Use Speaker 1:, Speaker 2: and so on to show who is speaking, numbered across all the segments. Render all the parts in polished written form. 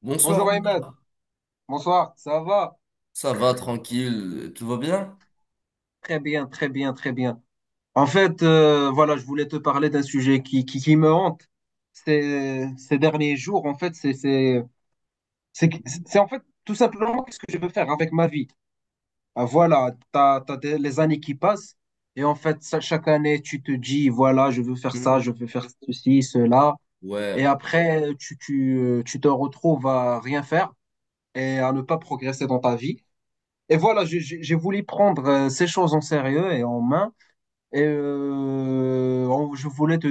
Speaker 1: Bonsoir,
Speaker 2: Bonjour Ahmed,
Speaker 1: Omar.
Speaker 2: bonsoir, ça va?
Speaker 1: Ça va tranquille, tout va bien?
Speaker 2: Très bien, très bien, très bien. En fait, voilà, je voulais te parler d'un sujet qui me hante ces derniers jours. En fait, c'est, c'est en fait tout simplement ce que je veux faire avec ma vie. Ah, voilà, t'as les années qui passent et en fait, chaque année, tu te dis, voilà, je veux faire ça,
Speaker 1: Mhm.
Speaker 2: je veux faire ceci, cela. Et
Speaker 1: Ouais,
Speaker 2: après, tu te retrouves à rien faire et à ne pas progresser dans ta vie. Et voilà, j'ai voulu prendre ces choses en sérieux et en main. Et je voulais te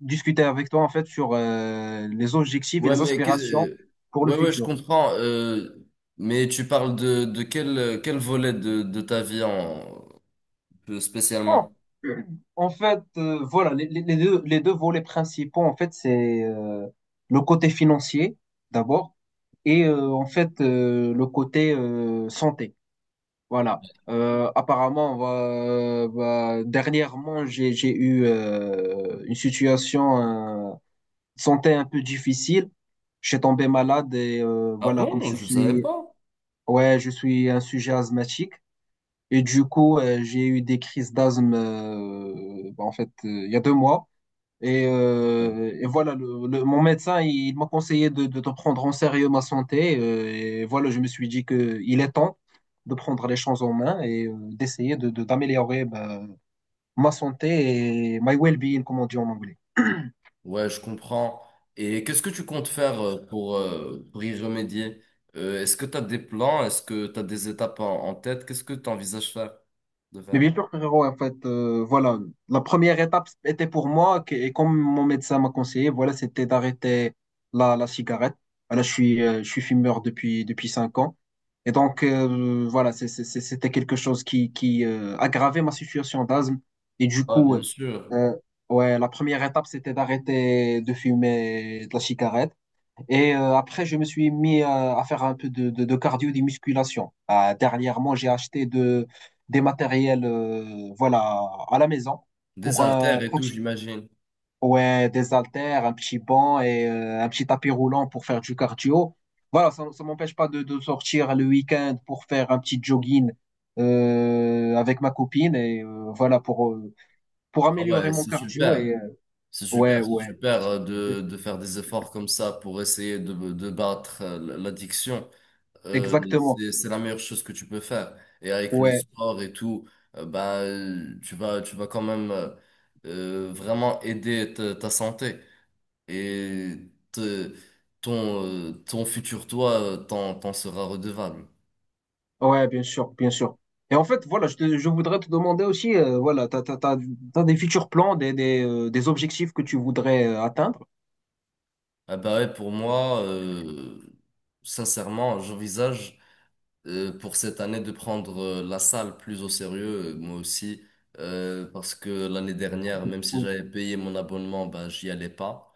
Speaker 2: discuter avec toi en fait sur les objectifs et
Speaker 1: ouais,
Speaker 2: les
Speaker 1: mais
Speaker 2: aspirations pour le
Speaker 1: ouais, ouais, je
Speaker 2: futur.
Speaker 1: comprends. Mais tu parles de quel, quel volet de ta vie en, plus
Speaker 2: Oh,
Speaker 1: spécialement?
Speaker 2: en fait, voilà, les deux volets principaux, en fait, c'est le côté financier d'abord et en fait le côté santé. Voilà. Apparemment, dernièrement, j'ai eu une situation euh, de santé un peu difficile. Je suis tombé malade et
Speaker 1: Ah
Speaker 2: voilà, comme
Speaker 1: bon,
Speaker 2: je
Speaker 1: je savais
Speaker 2: suis,
Speaker 1: pas.
Speaker 2: ouais, je suis un sujet asthmatique. Et du coup, j'ai eu des crises d'asthme, en fait, il y a 2 mois. Et,
Speaker 1: Ouais,
Speaker 2: euh, et voilà, mon médecin, il m'a conseillé de prendre en sérieux ma santé. Et voilà, je me suis dit que il est temps de prendre les choses en main et d'essayer d'améliorer ma santé et my well-being, comme on dit en anglais.
Speaker 1: ouais, je comprends. Et qu'est-ce que tu comptes faire pour y remédier? Est-ce que tu as des plans? Est-ce que tu as des étapes en, en tête? Qu'est-ce que tu envisages de
Speaker 2: Mais
Speaker 1: faire?
Speaker 2: bien sûr, frérot, en fait, voilà, la première étape était pour moi, et comme mon médecin m'a conseillé, voilà, c'était d'arrêter la cigarette. Voilà, je suis fumeur depuis 5 ans. Et donc, voilà, c'était quelque chose qui aggravait ma situation d'asthme. Et du
Speaker 1: Ah,
Speaker 2: coup,
Speaker 1: bien sûr.
Speaker 2: euh, ouais, la première étape, c'était d'arrêter de fumer de la cigarette. Et après, je me suis mis à faire un peu de cardio, des musculations. Ah, dernièrement, j'ai acheté des matériels voilà, à la maison
Speaker 1: Des
Speaker 2: pour un,
Speaker 1: haltères et
Speaker 2: pour-
Speaker 1: tout, j'imagine.
Speaker 2: ouais, des haltères, un petit banc et un petit tapis roulant pour faire du cardio. Voilà, ça ne m'empêche pas de sortir le week-end pour faire un petit jogging avec ma copine et voilà pour
Speaker 1: Ah
Speaker 2: améliorer
Speaker 1: ouais,
Speaker 2: mon
Speaker 1: c'est
Speaker 2: cardio.
Speaker 1: super.
Speaker 2: Et
Speaker 1: C'est
Speaker 2: ouais,
Speaker 1: super, c'est
Speaker 2: ouais,
Speaker 1: super de faire des efforts comme ça pour essayer de battre l'addiction.
Speaker 2: exactement.
Speaker 1: C'est la meilleure chose que tu peux faire. Et avec le
Speaker 2: Ouais.
Speaker 1: sport et tout, tu vas quand même vraiment aider ta, ta santé. Et te- ton, ton futur toi t'en, t'en sera redevable.
Speaker 2: Ouais, bien sûr, bien sûr. Et en fait, voilà, je voudrais te demander aussi, voilà, t'as des futurs plans, des objectifs que tu voudrais atteindre?
Speaker 1: Ah bah ouais, pour moi, sincèrement, j'envisage pour cette année de prendre la salle plus au sérieux, moi aussi, parce que l'année dernière, même si
Speaker 2: Ou-
Speaker 1: j'avais payé mon abonnement, ben, j'y allais pas.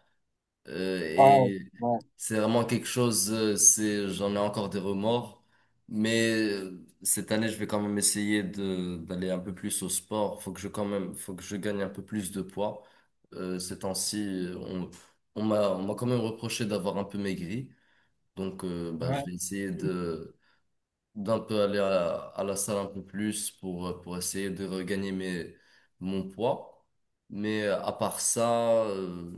Speaker 1: Euh,
Speaker 2: Ouais,
Speaker 1: et
Speaker 2: ouais,
Speaker 1: c'est vraiment quelque chose, c'est, j'en ai encore des remords, mais cette année, je vais quand même essayer de, d'aller un peu plus au sport. Faut que je quand même, faut que je gagne un peu plus de poids. Ces temps-ci, on m'a quand même reproché d'avoir un peu maigri. Donc, ben, je
Speaker 2: ouais.
Speaker 1: vais essayer de d'un peu aller à la salle un peu plus pour essayer de regagner mes, mon poids. Mais à part ça,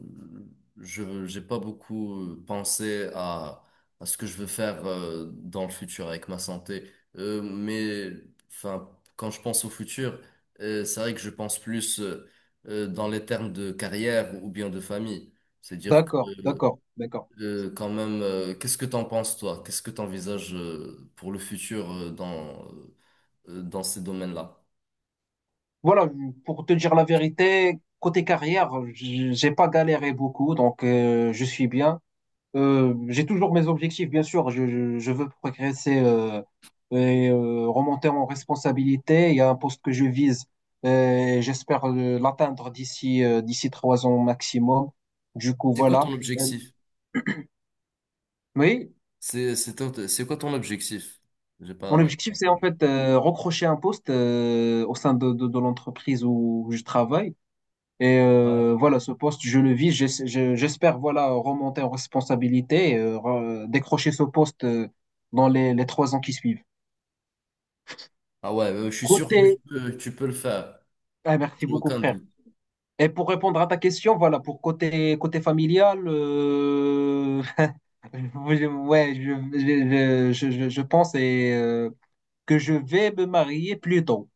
Speaker 1: je j'ai pas beaucoup pensé à ce que je veux faire dans le futur avec ma santé. Euh, mais enfin, quand je pense au futur, c'est vrai que je pense plus dans les termes de carrière ou bien de famille. C'est-à-dire
Speaker 2: D'accord,
Speaker 1: que
Speaker 2: d'accord, d'accord.
Speaker 1: quand même, qu'est-ce que t'en penses toi? Qu'est-ce que t'envisages pour le futur dans, dans ces domaines-là?
Speaker 2: Voilà, pour te dire la vérité, côté carrière, j'ai pas galéré beaucoup, donc je suis bien. J'ai toujours mes objectifs, bien sûr. Je je veux progresser et remonter en responsabilité. Il y a un poste que je vise euh, et j'espère l'atteindre d'ici 3 ans maximum. Du coup,
Speaker 1: C'est quoi
Speaker 2: voilà.
Speaker 1: ton
Speaker 2: Euh,
Speaker 1: objectif?
Speaker 2: oui,
Speaker 1: C'est c'est quoi ton objectif?
Speaker 2: mon
Speaker 1: J'ai pas
Speaker 2: objectif, c'est en
Speaker 1: entendu.
Speaker 2: fait recrocher un poste au sein de l'entreprise où je travaille. Et
Speaker 1: Ouais.
Speaker 2: voilà, ce poste, je le vis. J'espère voilà remonter en responsabilité, et, décrocher ce poste dans les 3 ans qui suivent.
Speaker 1: Ah ouais, je suis sûr que
Speaker 2: Côté
Speaker 1: tu peux le faire.
Speaker 2: Ah, merci
Speaker 1: J'ai
Speaker 2: beaucoup,
Speaker 1: aucun
Speaker 2: frère.
Speaker 1: doute.
Speaker 2: Et pour répondre à ta question, voilà, pour côté, côté familial, ouais, je pense que je vais me marier plus tôt.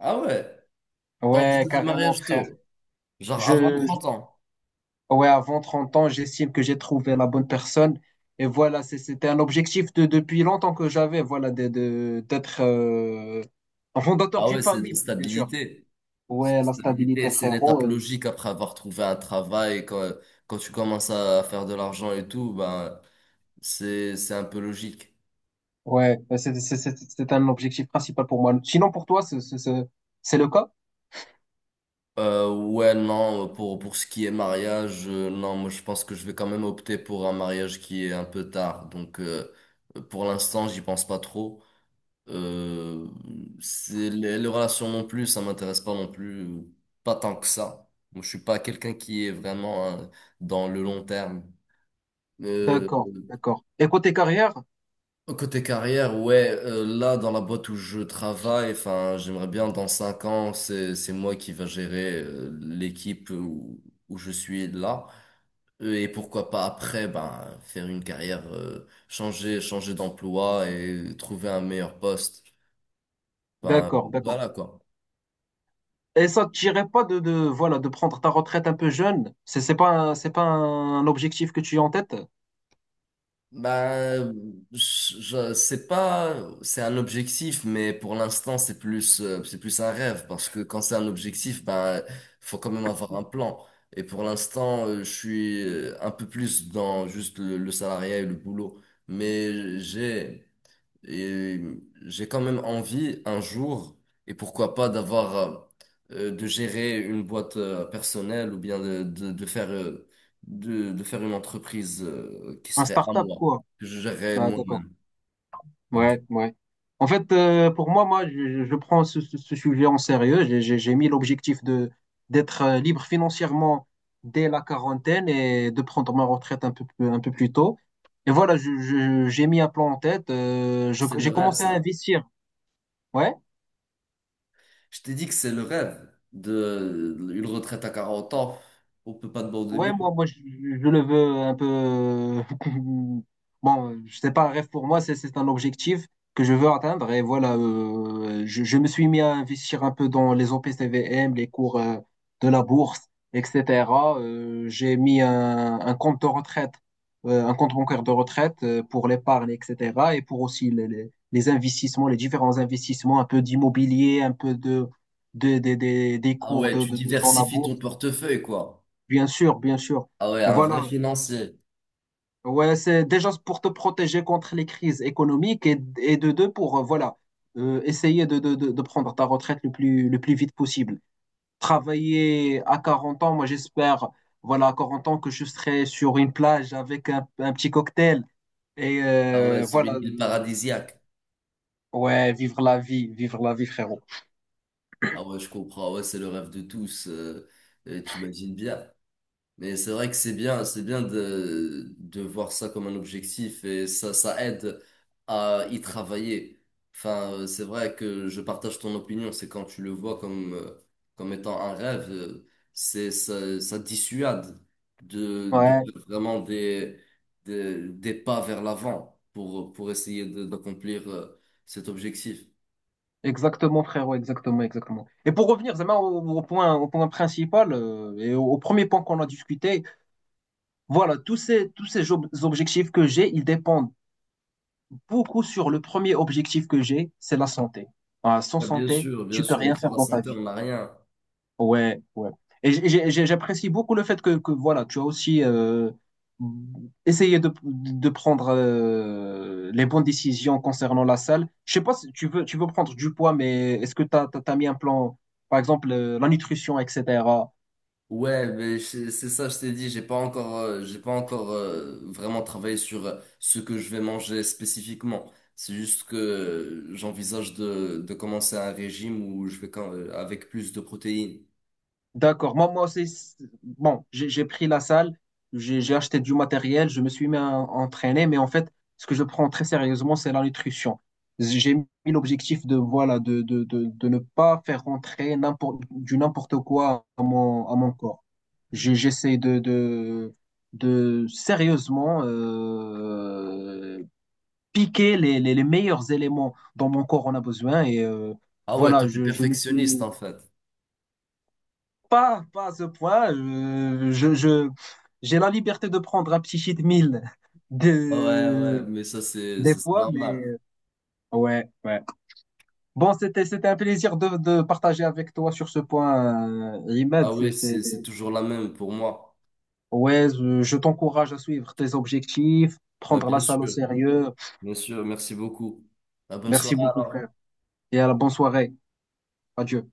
Speaker 1: Ah ouais,
Speaker 2: Ouais,
Speaker 1: t'envisages le
Speaker 2: carrément,
Speaker 1: mariage
Speaker 2: frère.
Speaker 1: tôt. Genre avant
Speaker 2: Je, je-
Speaker 1: 30 ans.
Speaker 2: ouais, avant 30 ans, j'estime que j'ai trouvé la bonne personne. Et voilà, c'était un objectif de, depuis longtemps que j'avais, voilà, d'être un fondateur
Speaker 1: Ah
Speaker 2: d'une
Speaker 1: ouais, c'est de la
Speaker 2: famille, bien sûr.
Speaker 1: stabilité. C'est
Speaker 2: Ouais,
Speaker 1: la
Speaker 2: la
Speaker 1: stabilité,
Speaker 2: stabilité,
Speaker 1: c'est l'étape
Speaker 2: frérot.
Speaker 1: logique après avoir trouvé un travail. Quand, quand tu commences à faire de l'argent et tout, ben. C'est un peu logique.
Speaker 2: Ouais, bah, c'est un objectif principal pour moi. Sinon, pour toi, c'est le cas?
Speaker 1: Ouais, non, pour ce qui est mariage, non, moi je pense que je vais quand même opter pour un mariage qui est un peu tard. Donc pour l'instant, j'y pense pas trop. Euh, c'est, les relations non plus, ça m'intéresse pas non plus. Pas tant que ça. Moi, je suis pas quelqu'un qui est vraiment hein, dans le long terme. Euh,
Speaker 2: D'accord, d'accord. Et côté carrière?
Speaker 1: Côté carrière, ouais, là dans la boîte où je travaille, enfin, j'aimerais bien dans 5 ans, c'est moi qui va gérer l'équipe où, où je suis là. Et pourquoi pas après, ben, faire une carrière, changer d'emploi et trouver un meilleur poste. Ben,
Speaker 2: D'accord, d'accord.
Speaker 1: voilà quoi.
Speaker 2: Et ça ne tirait pas voilà, de prendre ta retraite un peu jeune. C'est pas, c'est pas un objectif que tu as en tête?
Speaker 1: Bah, c'est pas, c'est un objectif, mais pour l'instant, c'est plus un rêve, parce que quand c'est un objectif, bah, faut quand même avoir un plan. Et pour l'instant, je suis un peu plus dans juste le salariat et le boulot, mais j'ai, et j'ai quand même envie un jour, et pourquoi pas d'avoir, de gérer une boîte personnelle ou bien de faire une entreprise qui
Speaker 2: Un
Speaker 1: serait à
Speaker 2: start-up,
Speaker 1: moi,
Speaker 2: quoi.
Speaker 1: que je gérerais
Speaker 2: Ah, d'accord.
Speaker 1: moi-même.
Speaker 2: Ouais, ouais. En fait, pour moi, je prends ce sujet en sérieux. J'ai mis l'objectif de d'être libre financièrement dès la quarantaine et de prendre ma retraite un peu plus tôt. Et voilà, j'ai mis un plan en tête.
Speaker 1: C'est le
Speaker 2: J'ai
Speaker 1: rêve,
Speaker 2: commencé à
Speaker 1: ça.
Speaker 2: investir. Ouais.
Speaker 1: Je t'ai dit que c'est le rêve de une retraite à 40 ans. On peut pas de bon
Speaker 2: Ouais, moi,
Speaker 1: début.
Speaker 2: je le veux un peu. Bon, je sais pas, un rêve pour moi, c'est un objectif que je veux atteindre. Et voilà, je me suis mis à investir un peu dans les OPCVM, les cours de la bourse, etc. J'ai mis un compte de retraite, un compte bancaire de retraite pour l'épargne, etc. Et pour aussi les investissements, les différents investissements, un peu d'immobilier, un peu des
Speaker 1: Ah
Speaker 2: cours
Speaker 1: ouais, tu
Speaker 2: dans la
Speaker 1: diversifies
Speaker 2: bourse.
Speaker 1: ton portefeuille, quoi.
Speaker 2: Bien sûr, bien sûr.
Speaker 1: Ah ouais,
Speaker 2: Et
Speaker 1: un vrai
Speaker 2: voilà.
Speaker 1: financier.
Speaker 2: Ouais, c'est déjà pour te protéger contre les crises économiques et de deux pour voilà essayer de prendre ta retraite le plus vite possible. Travailler à 40 ans, moi j'espère, voilà, à 40 ans que je serai sur une plage avec un petit cocktail et
Speaker 1: Ah ouais, sur
Speaker 2: voilà.
Speaker 1: une île paradisiaque.
Speaker 2: Ouais, vivre la vie, frérot.
Speaker 1: Ah ouais, je comprends. Ah ouais, c'est le rêve de tous. Et tu imagines bien. Mais c'est vrai que c'est bien de voir ça comme un objectif et ça aide à y travailler. Enfin, c'est vrai que je partage ton opinion. C'est quand tu le vois comme, comme étant un rêve, c'est, ça dissuade de
Speaker 2: Ouais,
Speaker 1: faire vraiment des pas vers l'avant pour essayer de- d'accomplir, cet objectif.
Speaker 2: exactement, frérot, exactement, exactement. Et pour revenir, Zama, au point principal et au premier point qu'on a discuté, voilà, tous ces objectifs que j'ai, ils dépendent beaucoup sur le premier objectif que j'ai, c'est la santé. Ah, sans
Speaker 1: Ah, bien
Speaker 2: santé,
Speaker 1: sûr, bien
Speaker 2: tu peux
Speaker 1: sûr, mais
Speaker 2: rien
Speaker 1: sans
Speaker 2: faire
Speaker 1: la
Speaker 2: dans ta
Speaker 1: santé,
Speaker 2: vie.
Speaker 1: on n'a rien.
Speaker 2: Ouais, ouais. Et j'apprécie beaucoup le fait que voilà, tu as aussi essayé de prendre les bonnes décisions concernant la salle. Je sais pas si tu veux prendre du poids, mais est-ce que tu as mis un plan, par exemple, la nutrition, etc.
Speaker 1: Ouais, mais c'est ça, je t'ai dit, j'ai pas encore vraiment travaillé sur ce que je vais manger spécifiquement. C'est juste que j'envisage de commencer un régime où je vais quand- avec plus de protéines.
Speaker 2: D'accord. Moi, moi aussi, bon, j'ai pris la salle, j'ai acheté du matériel, je me suis mis à entraîner, mais en fait, ce que je prends très sérieusement, c'est la nutrition. J'ai mis l'objectif de, voilà, de ne pas faire rentrer n'importe, du n'importe quoi à mon corps. J'essaie de sérieusement piquer les meilleurs éléments dont mon corps en a besoin. Et
Speaker 1: Ah ouais,
Speaker 2: voilà,
Speaker 1: toi t'es
Speaker 2: je me suis
Speaker 1: perfectionniste
Speaker 2: mis.
Speaker 1: en fait.
Speaker 2: Pas, pas à ce point. J'ai la liberté de prendre un petit cheat meal
Speaker 1: Ah ouais,
Speaker 2: de,
Speaker 1: ouais, mais
Speaker 2: des
Speaker 1: ça, c'est
Speaker 2: fois, mais
Speaker 1: normal.
Speaker 2: ouais, ouais. Bon, c'était un plaisir de partager avec toi sur ce point, Imad.
Speaker 1: Ah oui, c'est toujours la même pour moi.
Speaker 2: Ouais, je t'encourage à suivre tes objectifs,
Speaker 1: Ouais,
Speaker 2: prendre la salle au sérieux.
Speaker 1: bien sûr, merci beaucoup. À bonne
Speaker 2: Merci
Speaker 1: soirée
Speaker 2: beaucoup, frère.
Speaker 1: alors.
Speaker 2: Et à la bonne soirée. Adieu.